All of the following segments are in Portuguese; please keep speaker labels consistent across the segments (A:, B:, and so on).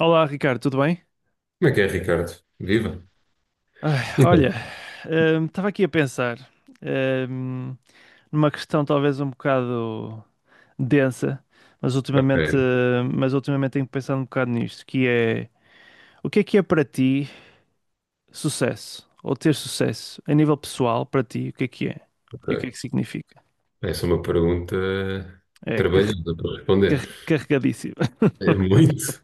A: Olá, Ricardo, tudo bem?
B: Como é que é, Ricardo? Viva?
A: Ai,
B: Então,
A: olha, estava aqui a pensar hum, numa questão talvez um bocado densa, mas ultimamente,
B: ok,
A: hum, mas ultimamente tenho pensado um bocado nisto, que é o que é para ti sucesso? Ou ter sucesso a nível pessoal para ti, o que é que é?
B: ok.
A: E o que é que significa?
B: Essa é uma pergunta
A: É
B: trabalhosa para responder.
A: carregadíssimo.
B: É muito.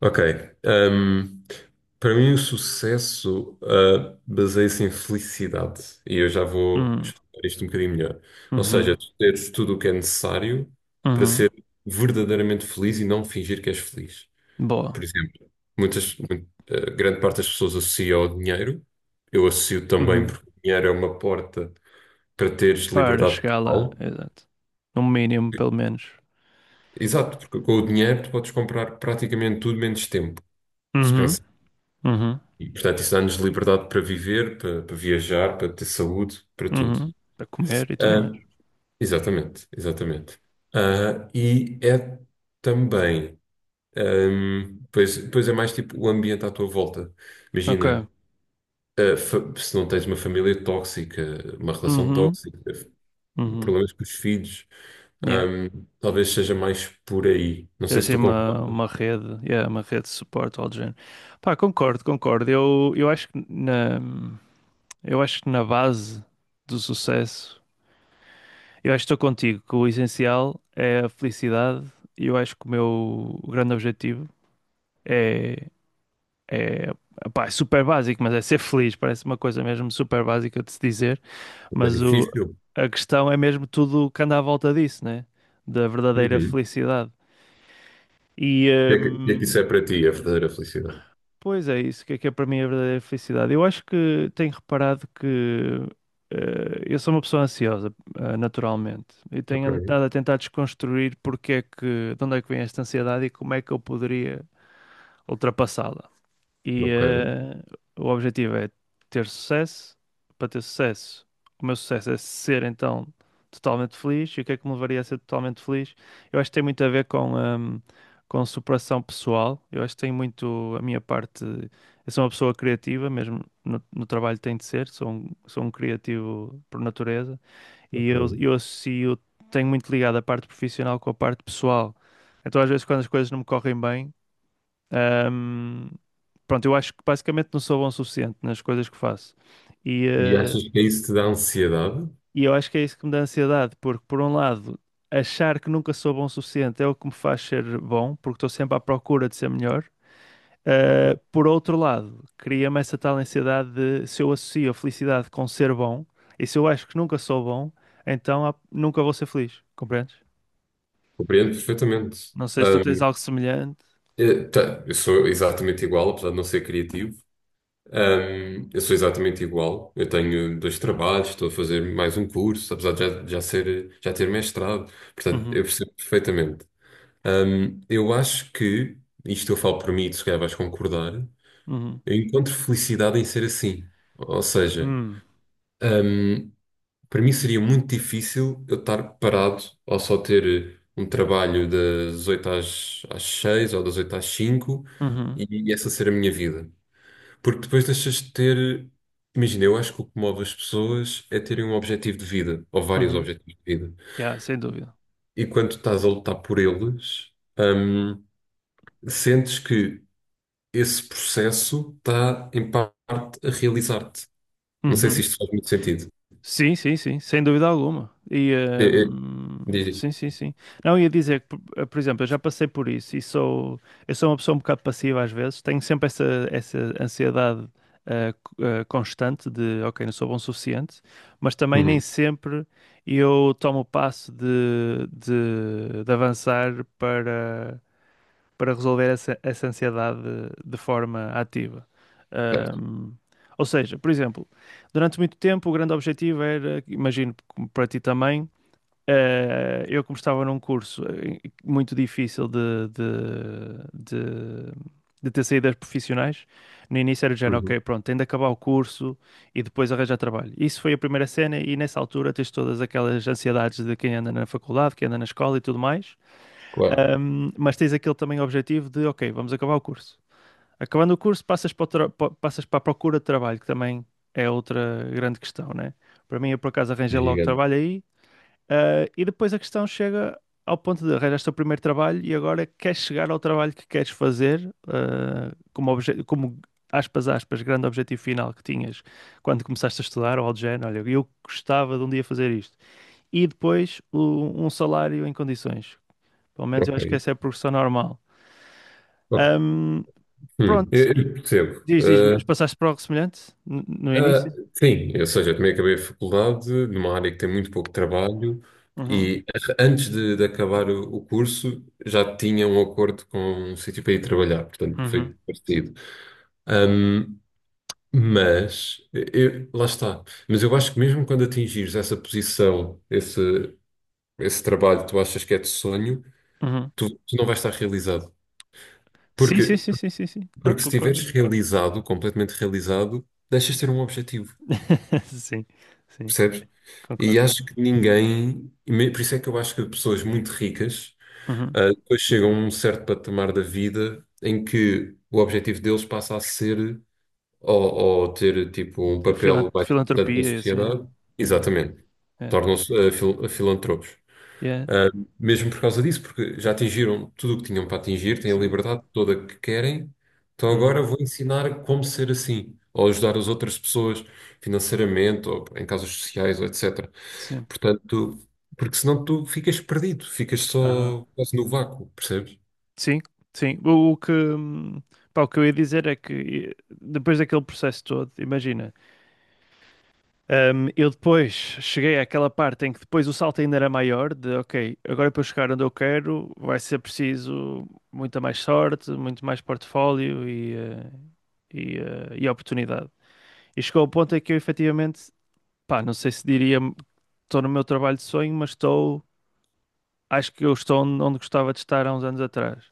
B: Ok. hum, Para mim, o sucesso, baseia-se em felicidade. E eu já vou
A: Hum,
B: explicar isto um bocadinho melhor. Ou
A: uhum,
B: seja, tu teres tudo o que é necessário para
A: uhum.
B: ser verdadeiramente feliz e não fingir que és feliz.
A: Boa.
B: Por exemplo, muitas, mu- grande parte das pessoas associa ao dinheiro. Eu associo também
A: Uhum.
B: porque o dinheiro é uma porta para teres
A: Para
B: liberdade
A: chegar lá,
B: total.
A: exato. No mínimo, pelo menos.
B: Exato, porque com o dinheiro tu podes comprar praticamente tudo menos tempo, se
A: Uhum,
B: pensar.
A: uhum.
B: E, portanto, isso dá-nos liberdade para viver, para viajar, para ter saúde, para tudo.
A: Uhum. Para comer e tudo mais.
B: Ah, Exatamente, exatamente. E é também, pois é mais tipo o ambiente à tua volta.
A: Ok.
B: Imagina, se não tens uma família tóxica, uma relação
A: Uhum.
B: tóxica,
A: Uhum.
B: problemas com os filhos.
A: Yeah.
B: Talvez seja mais por aí. Não
A: Ter
B: sei se
A: assim
B: tu
A: uma,
B: concordas,
A: uma rede, yeah, uma rede de suporte ao género. Pá, concordo, concordo. Eu acho que na base do sucesso, eu acho que estou contigo, que o essencial é a felicidade e eu acho que o meu grande objetivo, é, é, pá, é super básico, mas é ser feliz. Parece uma coisa mesmo super básica de se dizer.
B: mas é
A: Mas
B: difícil.
A: a questão é mesmo tudo o que anda à volta disso, né? Da verdadeira
B: Uhum.
A: felicidade. E,
B: O que é que isso é
A: hum,
B: para ti, a verdadeira felicidade?
A: pois é isso, o que é para mim a verdadeira felicidade? Eu acho que tenho reparado que eu sou uma pessoa ansiosa, naturalmente, e tenho
B: Ok,
A: andado a tentar desconstruir porque é que, de onde é que vem esta ansiedade e como é que eu poderia ultrapassá-la. E
B: ok,
A: o objetivo é ter sucesso. Para ter sucesso, o meu sucesso é ser então totalmente feliz. E o que é que me levaria a ser totalmente feliz? Eu acho que tem muito a ver com superação pessoal. Eu acho que tem muito a minha parte. Eu sou uma pessoa criativa, mesmo no trabalho tem de ser. Sou um criativo por natureza. E
B: ok.
A: eu, eu associo, tenho muito ligado a parte profissional com a parte pessoal. Então, às vezes, quando as coisas não me correm bem. Ahm, pronto, eu acho que basicamente não sou bom o suficiente nas coisas que faço. E,
B: E
A: eh,
B: achas que isso te dá ansiedade?
A: e eu acho que é isso que me dá ansiedade, porque por um lado, achar que nunca sou bom o suficiente é o que me faz ser bom, porque estou sempre à procura de ser melhor. Por outro lado, cria-me essa tal ansiedade de se eu associo a felicidade com ser bom, e se eu acho que nunca sou bom, então nunca vou ser feliz, compreendes?
B: Compreendo perfeitamente.
A: Não sei se tu tens
B: Hum,
A: algo semelhante.
B: tá, eu sou exatamente igual, apesar de não ser criativo. Eu sou exatamente igual. Eu tenho dois trabalhos, estou a fazer mais um curso, apesar de já ter mestrado. Portanto,
A: Uhum,
B: eu percebo perfeitamente. Eu acho que, isto eu falo por mim, e tu se calhar vais concordar,
A: uhum.
B: eu encontro felicidade em ser assim. Ou seja,
A: Hum,
B: hum, para mim seria muito difícil eu estar parado ou só ter um trabalho das 8 às 6 ou das 8 às 5,
A: uhum,
B: e essa ser a minha vida. Porque depois deixas de ter. Imagina, eu acho que o que move as pessoas é terem um objetivo de vida, ou vários
A: uhum.
B: objetivos de vida.
A: Yeah, sem dúvida.
B: E quando estás a lutar por eles, hum, sentes que esse processo está, em parte, a realizar-te. Não sei se
A: Uhum.
B: isto faz muito sentido.
A: Sim, sim, sim, sem dúvida alguma. E
B: É, é, diz, diz.
A: sim, sim, sim. Não, ia dizer que, por por exemplo, eu já passei por isso e sou, eu sou uma pessoa um bocado passiva às vezes, tenho sempre essa, essa ansiedade constante de, ok, não sou bom o suficiente, mas também nem
B: Uhum.
A: sempre eu tomo o passo de avançar para resolver essa ansiedade de forma ativa.
B: Certo.
A: Ahm, ou seja, por exemplo, durante muito tempo o grande objetivo era, imagino como para ti também, eu como estava num curso muito difícil de, de ter saídas profissionais, no início era do género,
B: Uhum.
A: ok, pronto, tenho de acabar o curso e depois arranjar trabalho. Isso foi a primeira cena e nessa altura tens todas aquelas ansiedades de quem anda na faculdade, quem anda na escola e tudo mais.
B: Claro.
A: Mas tens aquele também objetivo de, ok, vamos acabar o curso. Acabando o curso, passas para a procura de trabalho, que também é outra grande questão, né? Para mim, eu por acaso
B: É
A: arranjei logo
B: gigante.
A: trabalho aí, e depois a questão chega ao ponto de arranjaste o primeiro trabalho e agora queres chegar ao trabalho que queres fazer, como, aspas, aspas, grande objetivo final que tinhas quando começaste a estudar, ou algo do género, olha, eu gostava de um dia fazer isto. E depois um salário em condições. Pelo menos eu acho que
B: Ok.
A: essa é a progressão normal.
B: Bom,
A: Ahm, pronto,
B: Eu percebo.
A: diz, diz, mas passaste por algo semelhante no
B: Ah,
A: início?
B: sim, ou seja, eu também acabei a faculdade numa área que tem muito pouco trabalho,
A: Uhum,
B: e de acabar o curso já tinha um acordo com um sítio para ir trabalhar, portanto
A: uhum,
B: foi parecido. Hum, Mas, lá está. Mas eu acho que mesmo quando atingires essa posição, esse trabalho que tu achas que é de sonho,
A: uhum.
B: tu não vais estar realizado.
A: Sim, sim,
B: Porque,
A: sim, sim, sim, sim. Não,
B: porque se estiveres
A: concordo.
B: realizado, completamente realizado, deixas de ter um objetivo,
A: Sim, sim,
B: percebes? E
A: concordo.
B: acho que ninguém, por isso é que eu acho que pessoas muito ricas,
A: Uhum.
B: depois chegam a um certo patamar da vida em que o objetivo deles passa a ser ou ter tipo um
A: Filan-
B: papel mais importante na
A: filantropia, e assim.
B: sociedade,
A: Exato.
B: exatamente,
A: É.
B: tornam-se filantropos.
A: Yeah.
B: Ah, Mesmo por causa disso, porque já atingiram tudo o que tinham para atingir, têm a
A: Sim.
B: liberdade toda que querem, então agora
A: Uhum.
B: vou ensinar como ser assim, ou ajudar as outras pessoas financeiramente, ou em causas sociais, ou etcétera.
A: Sim.
B: Portanto, porque senão tu ficas perdido, ficas
A: Aham.
B: só quase no vácuo, percebes?
A: Sim, sim. Pá, o que eu ia dizer é que depois daquele processo todo, imagina. Eu depois cheguei àquela parte em que depois o salto ainda era maior, de ok, agora para eu chegar onde eu quero vai ser preciso muita mais sorte, muito mais portfólio e oportunidade. E chegou ao ponto em que eu efetivamente, pá, não sei se diria estou no meu trabalho de sonho, mas estou, acho que eu estou onde gostava de estar há uns anos atrás.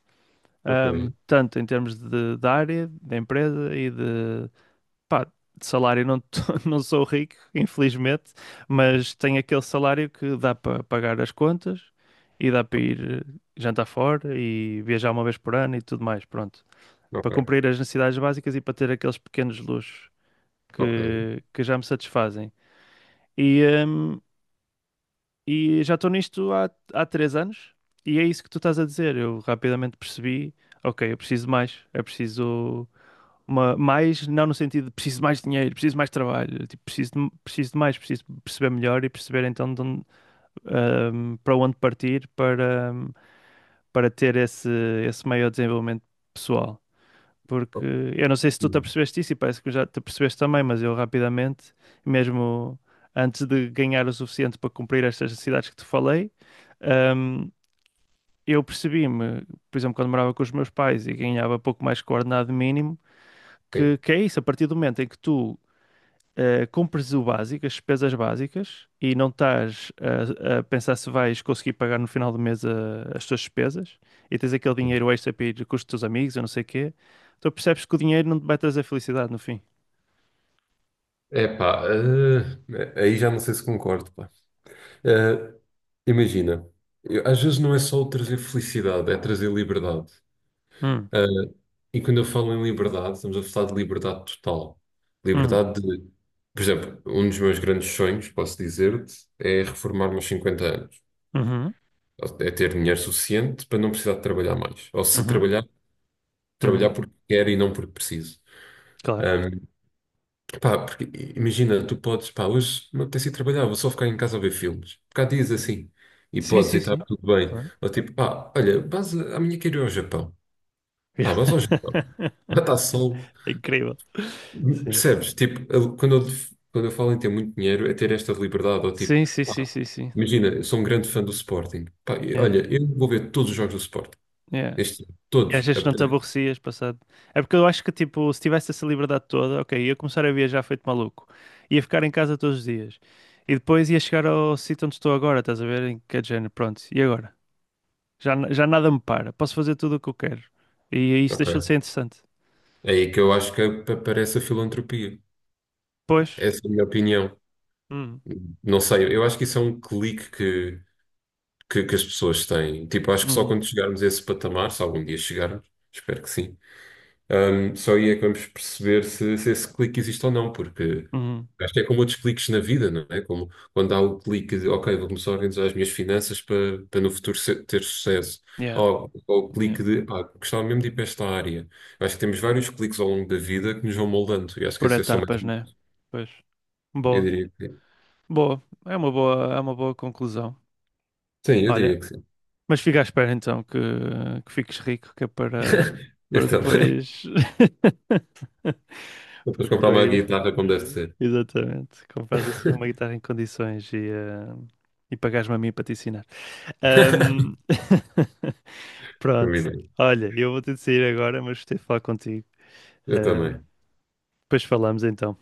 A: Um,
B: Ok,
A: tanto em termos de área, da empresa e de, pá, de salário não, não sou rico, infelizmente, mas tenho aquele salário que dá para pagar as contas e dá para ir jantar fora e viajar uma vez por ano e tudo mais, pronto. Para
B: ok,
A: cumprir as necessidades básicas e para ter aqueles pequenos luxos
B: ok.
A: que já me satisfazem. E, hum, e já estou nisto há 3 anos e é isso que tu estás a dizer. Eu rapidamente percebi, ok, eu preciso de mais, eu preciso. Uma, mais, não no sentido de preciso de mais dinheiro, preciso de mais trabalho, tipo, preciso de mais, preciso de perceber melhor e perceber então de onde, para onde partir para ter esse maior desenvolvimento pessoal. Porque
B: Ok.
A: eu não sei se tu te
B: Hum,
A: apercebeste isso e parece que já te apercebeste também, mas eu rapidamente, mesmo antes de ganhar o suficiente para cumprir estas necessidades que te falei, ahm, eu percebi-me, por exemplo, quando morava com os meus pais e ganhava pouco mais que o ordenado mínimo que é isso, a partir do momento em que tu compres o básico, as despesas básicas, e não estás a pensar se vais conseguir pagar no final do mês as tuas despesas, e tens aquele
B: Sim.
A: dinheiro extra para ir com os teus amigos, eu não sei o quê, tu percebes que o dinheiro não te vai trazer felicidade no fim.
B: É pá, aí já não sei se concordo, pá. Eh, Imagina, às vezes não é só o trazer felicidade, é trazer liberdade.
A: Hum,
B: Eh, e quando eu falo em liberdade, estamos a falar de liberdade total.
A: hum,
B: Liberdade de, por exemplo, um dos meus grandes sonhos, posso dizer-te, é reformar-me aos 50 anos.
A: uhum,
B: É ter dinheiro suficiente para não precisar de trabalhar mais. Ou se
A: uhum,
B: trabalhar, trabalhar
A: uhum.
B: porque quero e não porque preciso.
A: Claro,
B: Pá, porque imagina, tu podes, pá, hoje não tens ido trabalhar, vou só ficar em casa a ver filmes. Porque há dias assim. E
A: sim,
B: podes, e
A: sim,
B: está
A: sim.
B: tudo bem.
A: Claro.
B: Ou tipo, pá, olha, amanhã quero ir ao Japão. Pá,
A: Yeah.
B: vais ao Japão. Lá está sol.
A: É incrível. Sim.
B: Percebes? Tipo, quando eu falo em ter muito dinheiro, é ter esta liberdade. Ou tipo,
A: Sim, sim,
B: pá,
A: sim, sim, sim.
B: imagina, eu sou um grande fã do Sporting. Pá, e
A: Yeah.
B: olha, eu vou ver todos os jogos do Sporting.
A: Yeah.
B: Este, ano,
A: E às
B: todos.
A: vezes não te
B: Apetece.
A: aborrecias passado. É porque eu acho que, tipo, se tivesse essa liberdade toda, ok, ia começar a viajar feito maluco. Ia ficar em casa todos os dias. E depois ia chegar ao sítio onde estou agora, estás a ver? Em que é de género, pronto. E agora? Já, já nada me para. Posso fazer tudo o que eu quero. E isso deixou de ser
B: Ok.
A: interessante.
B: É aí que eu acho que aparece a filantropia.
A: Pois.
B: Essa é a minha opinião.
A: Hum,
B: Não sei, eu acho que isso é um clique que as pessoas têm. Tipo, acho que só
A: uhum,
B: quando chegarmos a esse patamar, se algum dia chegarmos, espero que sim, só aí é que vamos perceber se esse clique existe ou não, porque
A: uhum.
B: acho que é como outros cliques na vida, não é? Como quando há o clique de, ok, vou começar a organizar as minhas finanças para no futuro ter sucesso.
A: Yeah,
B: Ou o
A: yeah.
B: clique de, pá, gostava mesmo de ir para esta área. Acho que temos vários cliques ao longo da vida que nos vão moldando, e acho que
A: Por
B: esse é só mais
A: etapas,
B: um.
A: né? Pois.
B: Eu
A: Boa.
B: diria que sim.
A: Boa. É uma boa conclusão.
B: Sim, eu
A: Olha,
B: diria que sim.
A: mas fica à espera então que fiques rico, que é para,
B: Eu
A: para
B: também.
A: depois. Para
B: Depois comprar uma
A: depois.
B: guitarra como deve
A: eh,
B: ser.
A: Exatamente. Compras assim uma guitarra em condições e pagares me a mim para te ensinar. Ahm, Pronto.
B: Combinado.
A: Olha, eu vou ter de sair agora, mas gostei de falar contigo.
B: Eu
A: Eh,
B: também.
A: depois falamos então.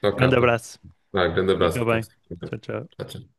B: Tchau,
A: Grande
B: capa.
A: abraço.
B: Vai, um grande abraço,
A: Fica bem.
B: Ricardo.
A: Tchau,
B: Tchau,
A: tchau.
B: tchau.